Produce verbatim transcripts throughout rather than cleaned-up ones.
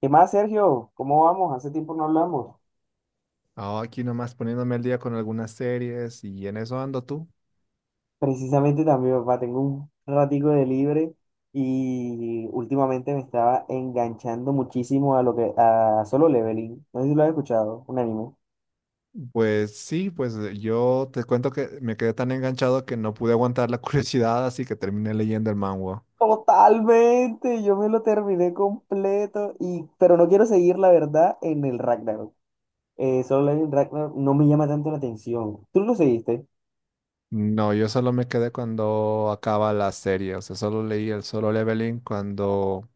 ¿Qué más, Sergio? ¿Cómo vamos? Hace tiempo no hablamos. Ah, aquí nomás poniéndome al día con algunas series y en eso ando tú. Precisamente también, papá, tengo un ratico de libre y últimamente me estaba enganchando muchísimo a lo que a Solo Leveling. No sé si lo has escuchado, un anime. Pues sí, pues eh, yo te cuento que me quedé tan enganchado que no pude aguantar la curiosidad, así que terminé leyendo el manhwa. Totalmente, yo me lo terminé completo y pero no quiero seguir la verdad en el Ragnarok. Eh, Solo Leveling Ragnarok no me llama tanto la atención. ¿Tú lo seguiste? No, yo solo me quedé cuando acaba la serie, o sea, solo leí el Solo Leveling cuando,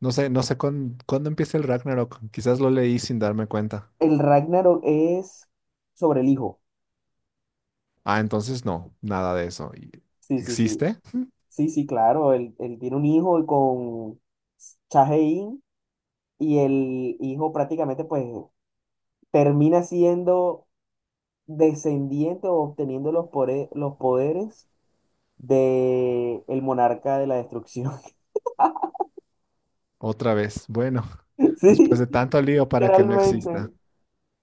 no sé, no sé cuán- cuándo empieza el Ragnarok, quizás lo leí sin darme cuenta. El Ragnarok es sobre el hijo. Ah, entonces no, nada de eso. ¿Y Sí, sí, sí. ¿Existe? Sí, sí, claro, él, él tiene un hijo con Cha in y el hijo prácticamente pues termina siendo descendiente o obteniendo los, pore- los poderes de el monarca de la destrucción. Otra vez. Bueno, después Sí, de tanto lío para que no literalmente, exista.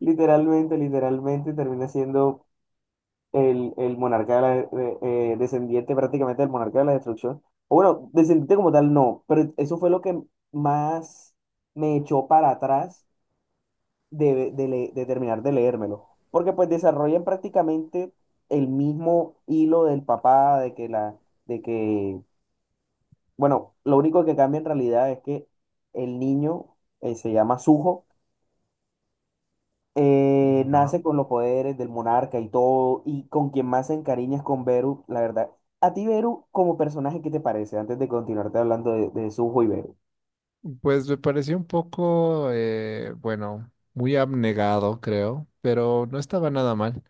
literalmente, literalmente termina siendo el, el monarca de la, de- eh, descendiente prácticamente del monarca de la destrucción. O bueno, descendiente como tal no, pero eso fue lo que más me echó para atrás de, de le- de terminar de leérmelo. Porque pues desarrollan prácticamente el mismo hilo del papá, de que la, de que, bueno, lo único que cambia en realidad es que el niño eh, se llama Suho, eh, Ya. nace con los poderes del monarca y todo, y con quien más se encariña es con Beru, la verdad. A ti, Beru, como personaje, ¿qué te parece? Antes de continuarte hablando de, de Suho y Beru. Pues me pareció un poco, eh, bueno, muy abnegado, creo, pero no estaba nada mal.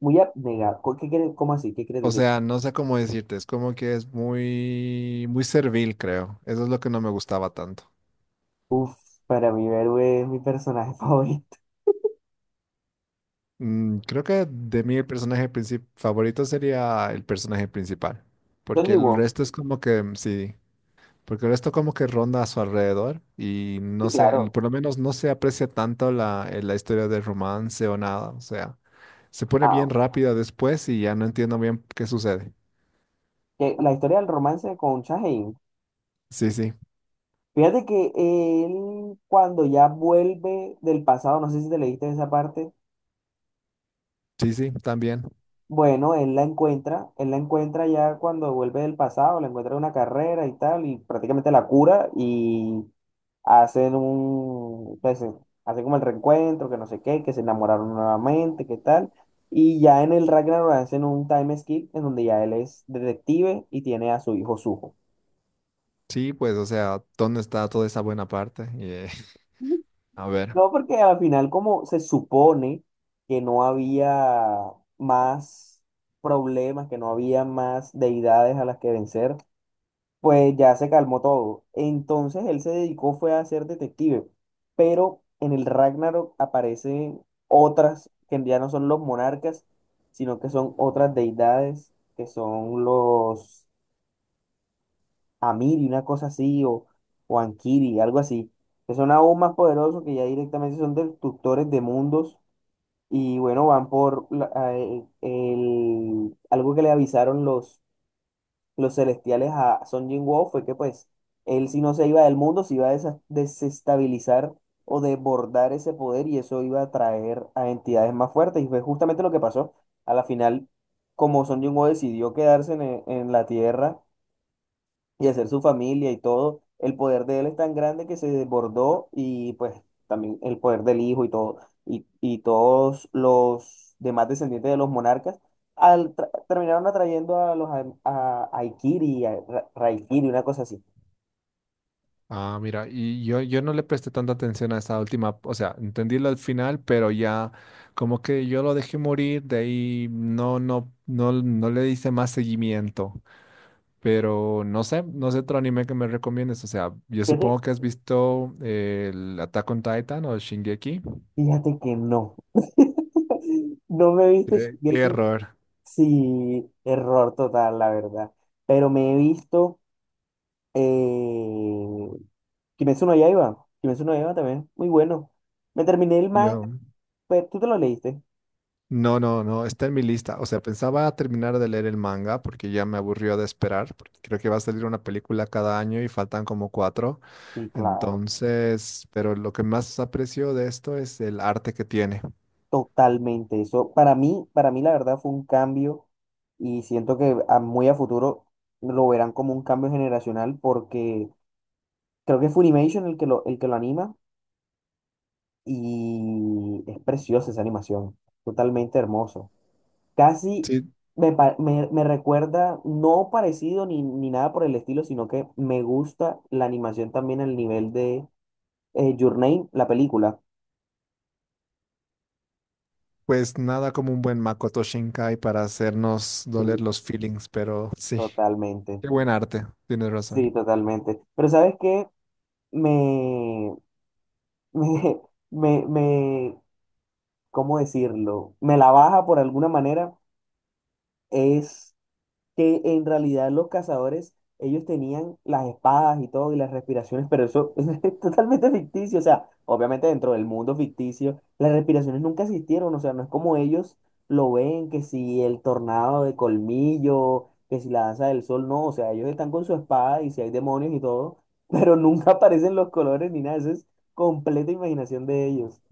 Muy abnegado. ¿Cu- ¿Qué quieres, cómo así? ¿Qué quieres O decir? sea, no sé cómo decirte, es como que es muy, muy servil, creo. Eso es lo que no me gustaba tanto. Uf, para mí Beru es mi personaje favorito. Mm, creo que de mí el personaje princip- favorito sería el personaje principal, Don porque Yu. el resto es como que, mm, sí, porque el resto como que ronda a su alrededor y Sí, no sé, el- claro. por lo menos no se aprecia tanto la, eh, la historia de romance o nada. O sea, se pone bien Ah, rápida después y ya no entiendo bien qué sucede. que la historia del romance con Shaheen. Sí, sí, Fíjate que él, cuando ya vuelve del pasado, no sé si te leíste esa parte, sí, sí, también. bueno, él la encuentra, él la encuentra ya cuando vuelve del pasado, la encuentra en una carrera y tal, y prácticamente la cura y hacen un, pues, eh, hacen como el reencuentro, que no sé qué, que se enamoraron nuevamente, qué tal. Y ya en el Ragnarok hacen un time skip en donde ya él es detective y tiene a su hijo Suho. Sí, pues, o sea, ¿dónde está toda esa buena parte? Y, eh, a ver. No, porque al final, como se supone que no había más problemas, que no había más deidades a las que vencer, pues ya se calmó todo. Entonces él se dedicó fue a ser detective, pero en el Ragnarok aparecen otras que ya no son los monarcas, sino que son otras deidades, que son los Amiri, una cosa así, o, o Ankiri, algo así, que son aún más poderosos, que ya directamente son destructores de mundos y bueno, van por la- a- el, el- algo que le avisaron los, los celestiales a Son Jin-woo fue que pues él si no se iba del mundo, se iba a desa- desestabilizar o desbordar ese poder y eso iba a traer a entidades más fuertes. Y fue justamente lo que pasó. A la final, como Son Jin-woo decidió quedarse en, e- en la Tierra, y hacer su familia y todo, el poder de él es tan grande que se desbordó y pues también el poder del hijo y todo, y, y todos los demás descendientes de los monarcas al, tra- terminaron atrayendo a los a, a Aikiri, a Ra- Raikiri, una cosa así. Ah, mira, y yo, yo no le presté tanta atención a esa última, o sea, entendí lo al final, pero ya como que yo lo dejé morir, de ahí no, no, no, no le hice más seguimiento. Pero no sé, no sé otro anime que me recomiendes. O sea, yo Fíjate, supongo que has visto eh, el Attack on Titan o Shingeki. fíjate que no. No me he visto Qué, qué Shingeki, error. sí, error total, la verdad. Pero me he visto Eh, Kimetsu no Yaiba. Kimetsu no Yaiba también. Muy bueno. Me terminé el manga. Yo, Pues, ¿tú te lo leíste? no, no, no, está en mi lista. O sea, pensaba terminar de leer el manga porque ya me aburrió de esperar, porque creo que va a salir una película cada año y faltan como cuatro. Sí, claro. Entonces, pero lo que más aprecio de esto es el arte que tiene. Totalmente. Eso para mí, para mí la verdad fue un cambio y siento que a- muy a futuro lo verán como un cambio generacional porque creo que es Funimation el que lo, el que lo anima y es preciosa esa animación. Totalmente hermoso. Casi Sí, me, pa- me, me recuerda, no parecido ni, ni nada por el estilo, sino que me gusta la animación también al nivel de eh, Your Name, la película. pues nada como un buen Makoto Shinkai para hacernos doler Sí, los feelings, pero sí. totalmente. Qué buen arte, tienes razón. Sí, totalmente. Pero ¿sabes qué? Me, me, me, me, ¿cómo decirlo? Me la baja por alguna manera. Es que en realidad los cazadores, ellos tenían las espadas y todo y las respiraciones, pero eso es totalmente ficticio, o sea, obviamente dentro del mundo ficticio, las respiraciones nunca existieron, o sea, no es como ellos lo ven, que si el tornado de colmillo, que si la danza del sol, no, o sea, ellos están con su espada y si hay demonios y todo, pero nunca aparecen los colores ni nada, eso es completa imaginación de ellos.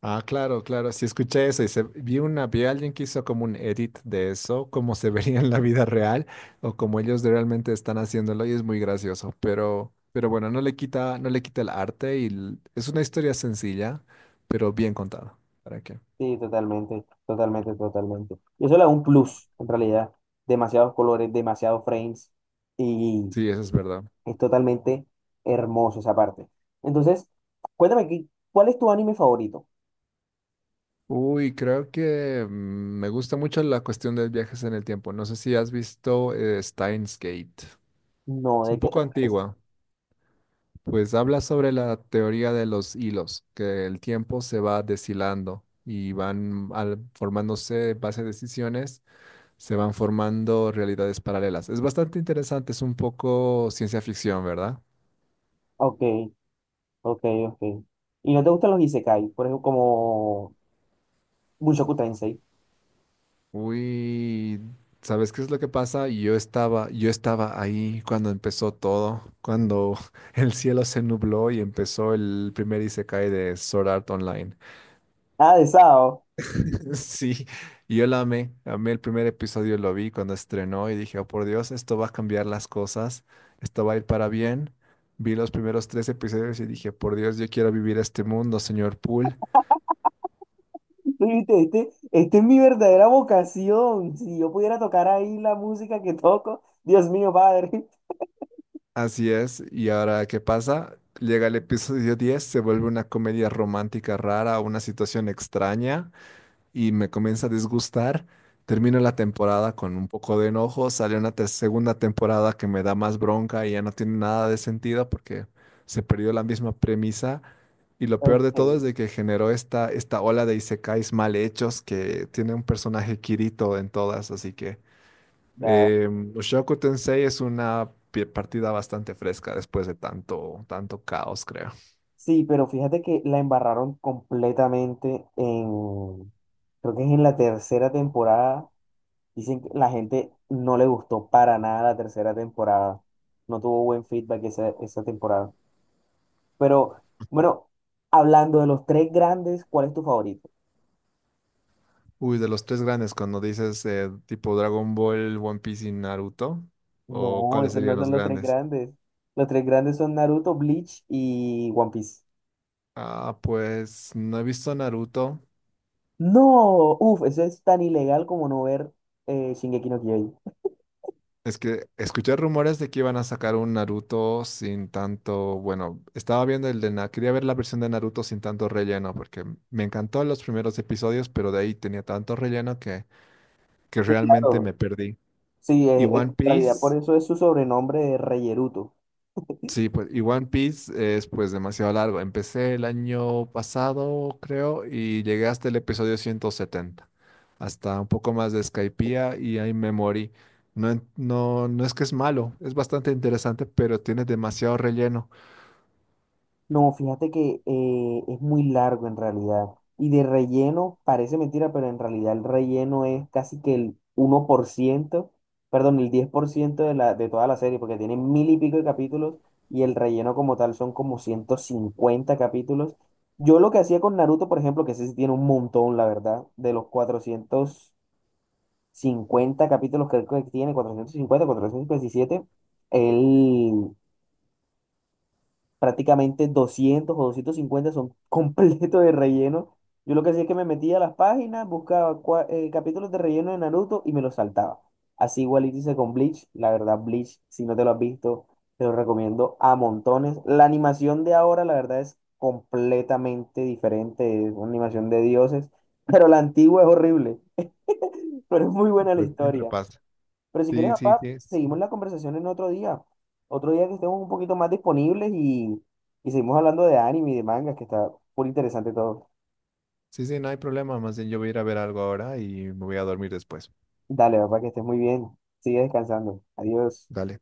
Ah, claro, claro, sí escuché eso y se, vi una, vi a alguien que hizo como un edit de eso, como se vería en la vida real o como ellos de- realmente están haciéndolo y es muy gracioso, pero, pero bueno, no le quita, no le quita el arte y l- es una historia sencilla, pero bien contada. ¿Para qué? Sí, totalmente, totalmente, totalmente. Y eso le da un Ah, plus, en realidad. Demasiados colores, demasiados frames y sí, eso es verdad. es totalmente hermoso esa parte. Entonces, cuéntame qué ¿cuál es tu anime favorito? Uy, creo que mm, me gusta mucho la cuestión de viajes en el tiempo. No sé si has visto eh, Steins Gate. No, Es ¿de un qué poco trata esa? antigua. Pues habla sobre la teoría de los hilos, que el tiempo se va deshilando y van al- formándose base de decisiones, se van formando realidades paralelas. Es bastante interesante, es un poco ciencia ficción, ¿verdad? Ok, ok, ok. ¿Y no te gustan los isekai? Por ejemplo, como Mushoku Tensei. Uy, ¿sabes qué es lo que pasa? Yo estaba, yo estaba ahí cuando empezó todo, cuando el cielo se nubló y empezó el primer isekai de Sword Art Online. Ah, de Sao. Sí, y yo la amé, amé el primer episodio, lo vi cuando estrenó y dije: oh por Dios, esto va a cambiar las cosas, esto va a ir para bien. Vi los primeros tres episodios y dije: por Dios, yo quiero vivir este mundo, señor Poole. Tú viste, Este, este es mi verdadera vocación. Si yo pudiera tocar ahí la música que toco, Dios mío, padre. Así es, y ahora, ¿qué pasa? Llega el episodio diez, se vuelve una comedia romántica rara, una situación extraña, y me comienza a disgustar. Termino la temporada con un poco de enojo, sale una ter- segunda temporada que me da más bronca y ya no tiene nada de sentido porque se perdió la misma premisa. Y lo peor de todo Ok. es de que generó esta, esta ola de isekais mal hechos que tiene un personaje Kirito en todas, así que eh, Mushoku Tensei es una pi- partida bastante fresca después de tanto, tanto caos, creo. Sí, pero fíjate que la embarraron completamente en, creo que es en la tercera temporada. Dicen que la gente no le gustó para nada la tercera temporada. No tuvo buen feedback esa, esa temporada. Pero bueno, hablando de los tres grandes, ¿cuál es tu favorito? Uy, de los tres grandes, cuando dices eh, tipo Dragon Ball, One Piece y Naruto, ¿o No, cuáles esos no serían son los los tres grandes? grandes. Los tres grandes son Naruto, Bleach y One Piece. Ah, pues no he visto Naruto. No, uff, eso es tan ilegal como no ver eh, Shingeki no Kyojin. Es que escuché rumores de que iban a sacar un Naruto sin tanto, bueno, estaba viendo el de Na, quería ver la versión de Naruto sin tanto relleno, porque me encantó los primeros episodios, pero de ahí tenía tanto relleno que, que Sí, realmente claro. me perdí. Sí, Y eh, en One realidad por Piece. eso es su sobrenombre de Reyeruto. Sí, pues, y One Piece es pues demasiado largo. Empecé el año pasado, creo, y llegué hasta el episodio ciento setenta, hasta un poco más de Skypiea y ahí me morí. No, en- no, no es que es malo, es bastante interesante, pero tiene demasiado relleno. No, fíjate que eh, es muy largo en realidad. Y de relleno, parece mentira, pero en realidad el relleno es casi que el uno por ciento. Perdón, el diez por ciento de la, de toda la serie, porque tiene mil y pico de capítulos y el relleno como tal son como ciento cincuenta capítulos. Yo lo que hacía con Naruto, por ejemplo, que ese sí tiene un montón, la verdad, de los cuatrocientos cincuenta capítulos creo que tiene, cuatrocientos cincuenta, cuatrocientos cincuenta y siete, él prácticamente doscientos o doscientos cincuenta son completos de relleno. Yo lo que hacía es que me metía a las páginas, buscaba cua- eh, capítulos de relleno de Naruto y me los saltaba. Así igual hice con Bleach. La verdad, Bleach, si no te lo has visto, te lo recomiendo a montones. La animación de ahora, la verdad, es completamente diferente. Es una animación de dioses, pero la antigua es horrible, pero es muy buena la Pues siempre historia. pasa. Pero si quieres, Sí, sí, papá, sí, sí, seguimos la conversación en otro día. Otro día que estemos un poquito más disponibles y, y seguimos hablando de anime y de mangas, que está muy interesante todo. sí, sí, no hay problema. Más bien yo voy a ir a ver algo ahora y me voy a dormir después. Dale, papá, que estés muy bien. Sigue descansando. Adiós. Dale.